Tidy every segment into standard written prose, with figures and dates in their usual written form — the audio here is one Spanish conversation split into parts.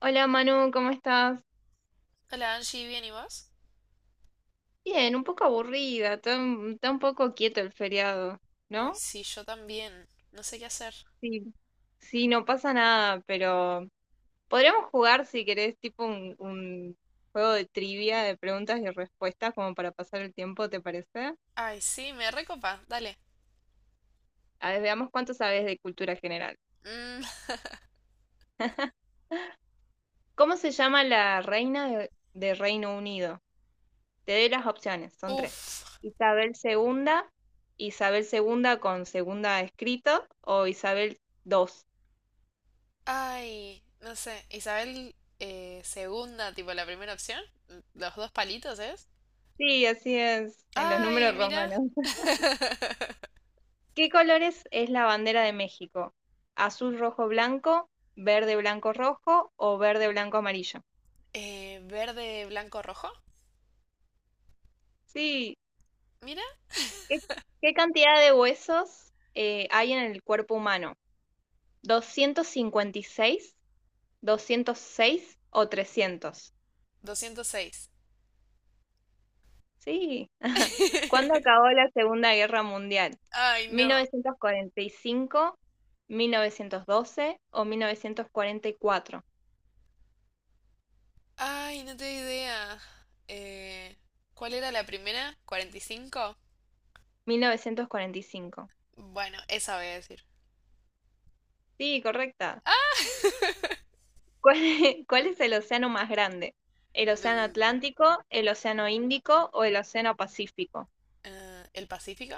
Hola Manu, ¿cómo estás? Hola, Angie, ¿bien y vos? Bien, un poco aburrida, está un poco quieto el feriado, Ay, ¿no? sí, yo también. No sé qué hacer. Sí. Sí, no pasa nada, pero podríamos jugar si querés, tipo un juego de trivia, de preguntas y respuestas, como para pasar el tiempo, ¿te parece? Ay, sí, me recopa. Dale. A ver, veamos cuánto sabes de cultura general. Mm, ¿Cómo se llama la reina de Reino Unido? Te doy las opciones, son tres. uf. Isabel segunda, Isabel segunda con segunda escrito o Isabel II. Ay, no sé. Isabel segunda, tipo la primera opción. Los dos palitos, ¿es? Sí, así es, en los Ay, números mira. romanos. ¿Qué colores es la bandera de México? ¿Azul, rojo, blanco, verde, blanco, rojo o verde, blanco, amarillo? Verde, blanco, rojo. Sí. Mira. ¿qué, qué cantidad de huesos hay en el cuerpo humano? 256, 206 o 300. 206. Sí. ¿Cuándo acabó la Segunda Guerra Mundial? Ay, Mil no. novecientos cuarenta y cinco, 1912 o 1944. Ay, no tengo idea. Eh, ¿Cuál era la primera? 45. 1945. Bueno, esa voy a decir. Sí, correcta. ¡Ah! ¿Cuál es, cuál es el océano más grande? ¿El océano Mm, Atlántico, el océano Índico o el océano Pacífico? ¿El Pacífico?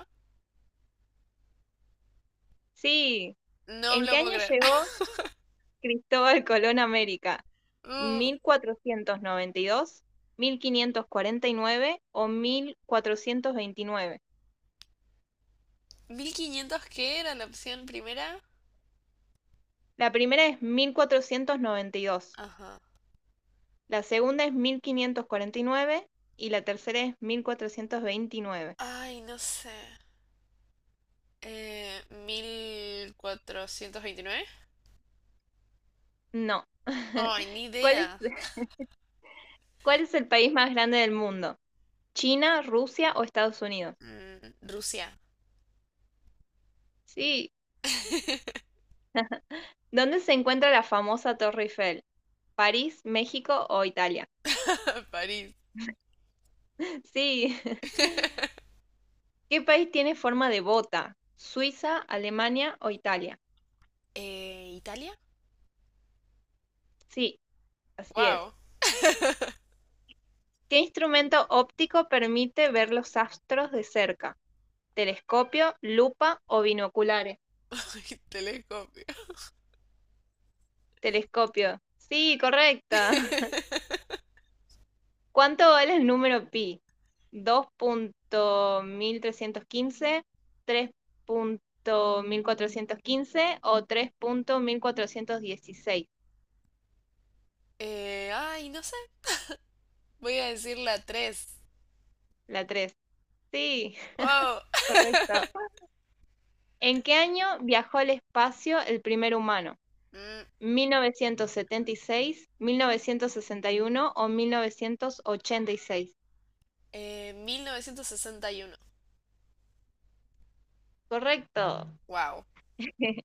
Sí. No ¿En lo qué puedo año creer. llegó Cristóbal Colón a América? Mm, ¿1492, 1549 o 1429? ¿1500 qué era la opción primera? La primera es 1492, Ajá. la segunda es 1549 y la tercera es 1429. Ay, no sé. ¿1429? No. Ay, ni ¿Cuál es, idea. cuál es el país más grande del mundo? ¿China, Rusia o Estados Unidos? Mm, Rusia. Sí. ¿Dónde se encuentra la famosa Torre Eiffel? ¿París, México o Italia? París. Sí. ¿Qué país tiene forma de bota? ¿Suiza, Alemania o Italia? ¿Italia? Sí, así es. Wow. ¿Qué instrumento óptico permite ver los astros de cerca? ¿Telescopio, lupa o binoculares? Telescopio. Telescopio. Sí, correcta. ¿Cuánto vale el número pi? Dos punto mil trescientos quince, tres punto 1415 o tres punto 1416? Ay, no sé. Voy a decir la 3. La tres. Sí, Wow. correcto. ¿En qué año viajó al espacio el primer humano? Mm, Mil novecientos setenta y seis, 1961 o 1986? 1961. Correcto. Wow.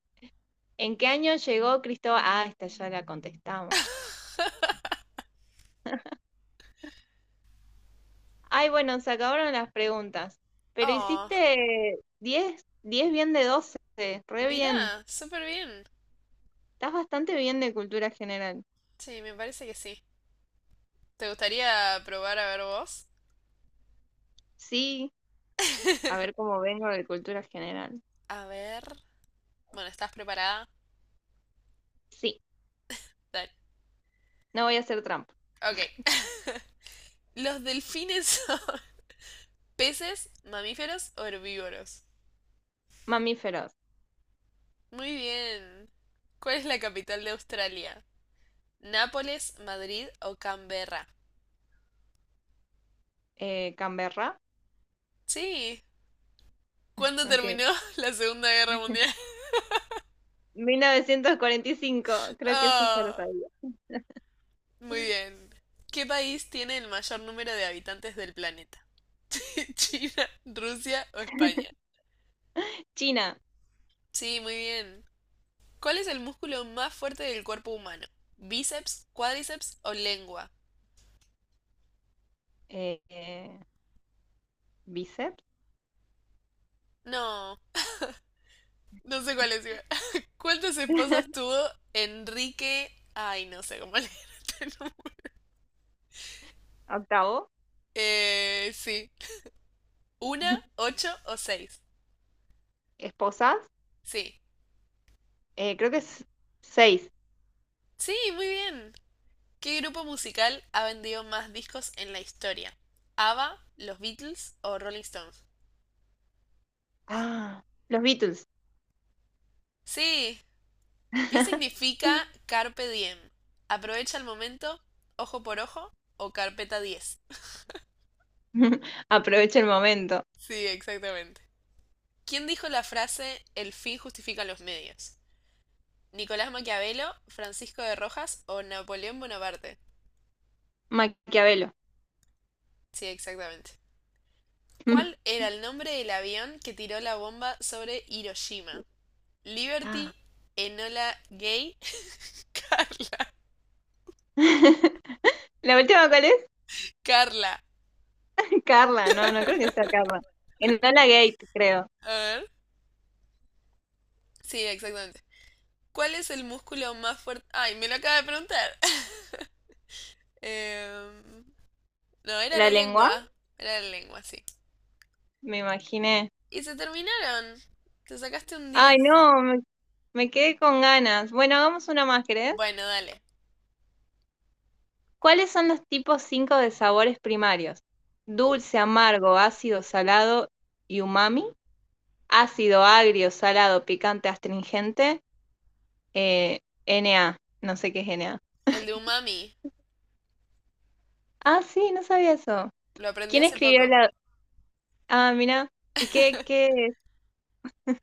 ¿En qué año llegó Cristóbal? Ah, esta ya la contestamos. Ay, bueno, se acabaron las preguntas. Pero Oh, hiciste diez bien de 12, re bien. mira, súper bien. Estás bastante bien de cultura general. Sí, me parece que sí. ¿Te gustaría probar a ver vos? Sí, a ver cómo vengo de cultura general. A ver. Bueno, ¿estás preparada? Sí, Dale. no voy a hacer trampa. Ok. ¿Los delfines son peces, mamíferos o herbívoros? Mamíferos. Muy bien. ¿Cuál es la capital de Australia? ¿Nápoles, Madrid o Canberra? Canberra, Sí. ¿Cuándo terminó ok. la Segunda Guerra Mundial? 1945. Creo que eso ya lo Oh. sabía. Muy bien. ¿Qué país tiene el mayor número de habitantes del planeta? ¿China, Rusia o España? China, Sí, muy bien. ¿Cuál es el músculo más fuerte del cuerpo humano? ¿Bíceps, cuádriceps o lengua? eh, eh, bíceps. No, no sé cuál es. ¿Cuántas esposas tuvo Enrique? Ay, no sé cómo leer este nombre. Octavo. Sí. ¿Una, ocho o seis? Esposas, Sí. Creo que es seis. Sí, muy bien. ¿Qué grupo musical ha vendido más discos en la historia? ¿ABBA, los Beatles o Rolling Stones? Ah, los Beatles. Sí. ¿Qué significa carpe diem? ¿Aprovecha el momento, ojo por ojo o carpeta 10? Aprovecha el momento. Sí, exactamente. ¿Quién dijo la frase el fin justifica los medios? ¿Nicolás Maquiavelo, Francisco de Rojas o Napoleón Bonaparte? Maquiavelo. Sí, exactamente. ¿Cuál era el nombre del avión que tiró la bomba sobre Hiroshima? Ah. Liberty, Enola Gay, Carla, ¿La última cuál es? Carla. Carla, no, no creo que sea Carla. Enola Gate, creo. A ver. Sí, exactamente. ¿Cuál es el músculo más fuerte? Ay, me lo acaba de preguntar. Em, no, era ¿La la lengua? lengua. Era la lengua, sí. Me imaginé. Y se terminaron. ¿Te sacaste un Ay, 10? no, me quedé con ganas. Bueno, hagamos una más, ¿querés? Bueno, dale. ¿Cuáles son los tipos 5 de sabores primarios? Oh, Dulce, amargo, ácido, salado y umami. Ácido, agrio, salado, picante, astringente. Eh, N A, no sé qué es N A. el de umami. Ah, sí, no sabía eso. Lo aprendí ¿Quién hace escribió poco. la— Ah, mira. ¿Y qué?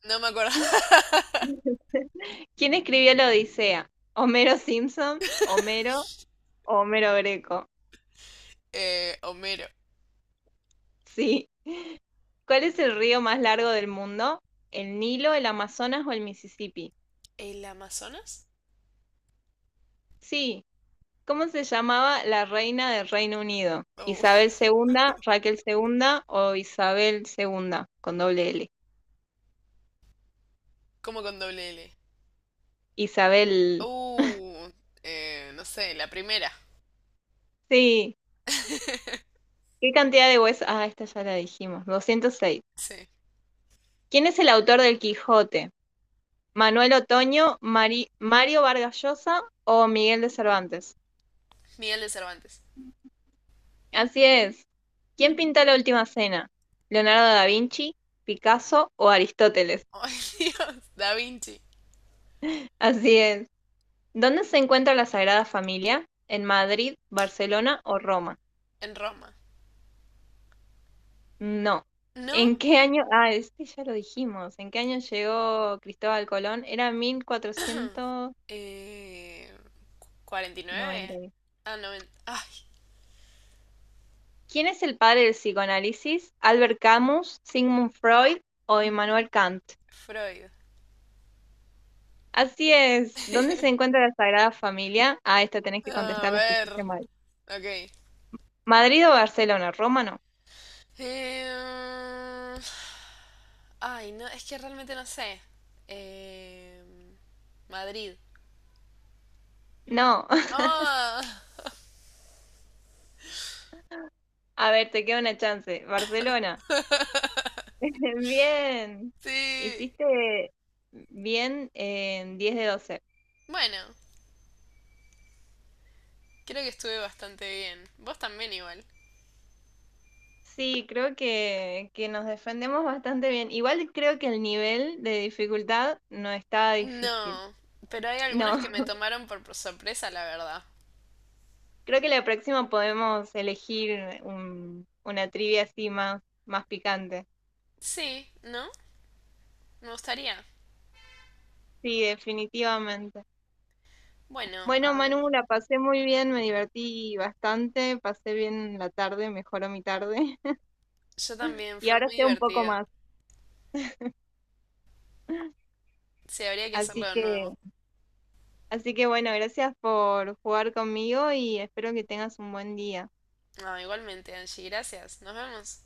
No me acuerdo. ¿Quién escribió la Odisea? ¿Homero Simpson? ¿Homero o Homero Greco? Homero. Sí. ¿Cuál es el río más largo del mundo? ¿El Nilo, el Amazonas o el Mississippi? ¿El Amazonas? Sí. ¿Cómo se llamaba la reina del Reino Unido? Oh, ¿Isabel segunda, Raquel segunda o Isabel segunda con doble L? como con doble L. Isabel. Uh, no sé, la primera. Sí. ¿Qué cantidad de huesos? Ah, esta ya la dijimos. 206. Sí. ¿Quién es el autor del Quijote? Manuel Otoño, Mario Vargas Llosa o Miguel de Cervantes. Miguel de Cervantes. Así es. ¿Quién pinta la última cena? ¿Leonardo da Vinci, Picasso o Aristóteles? Ay, Dios. Da Vinci. Así es. ¿Dónde se encuentra la Sagrada Familia? ¿En Madrid, Barcelona o Roma? En Roma. No. ¿No? ¿En qué año? Ah, este ya lo dijimos. ¿En qué año llegó Cristóbal Colón? Era Eh, 49. 1490. Ah, 90. Ay, ¿Quién es el padre del psicoanálisis? ¿Albert Camus, Sigmund Freud o Immanuel Kant? Freud. Así es. ¿Dónde se encuentra la Sagrada Familia? Ah, esta tenés que A contestar las que ver. hiciste mal. Ok. ¿Madrid o Barcelona? ¿Roma no? Em, ay, no, es que realmente no sé. Em, Madrid. No. Ah, A ver, te queda una chance. Barcelona. Bien. sí. Hiciste bien en 10 de 12. Bueno, creo que estuve bastante bien. Vos también igual. Sí, creo que nos defendemos bastante bien. Igual creo que el nivel de dificultad no está difícil. No, pero hay algunas No, que me tomaron por sorpresa, la verdad. creo que la próxima podemos elegir una trivia así más, más picante. Sí, ¿no? Me gustaría. Sí, definitivamente. Bueno, Bueno, a ver, Manu, la pasé muy bien, me divertí bastante, pasé bien la tarde, mejoró mi tarde yo también, y fue ahora muy sé un poco divertido. más. Sí, habría que hacerlo Así de que, nuevo. así que bueno, gracias por jugar conmigo y espero que tengas un buen día. Ah, igualmente, Angie, gracias. Nos vemos.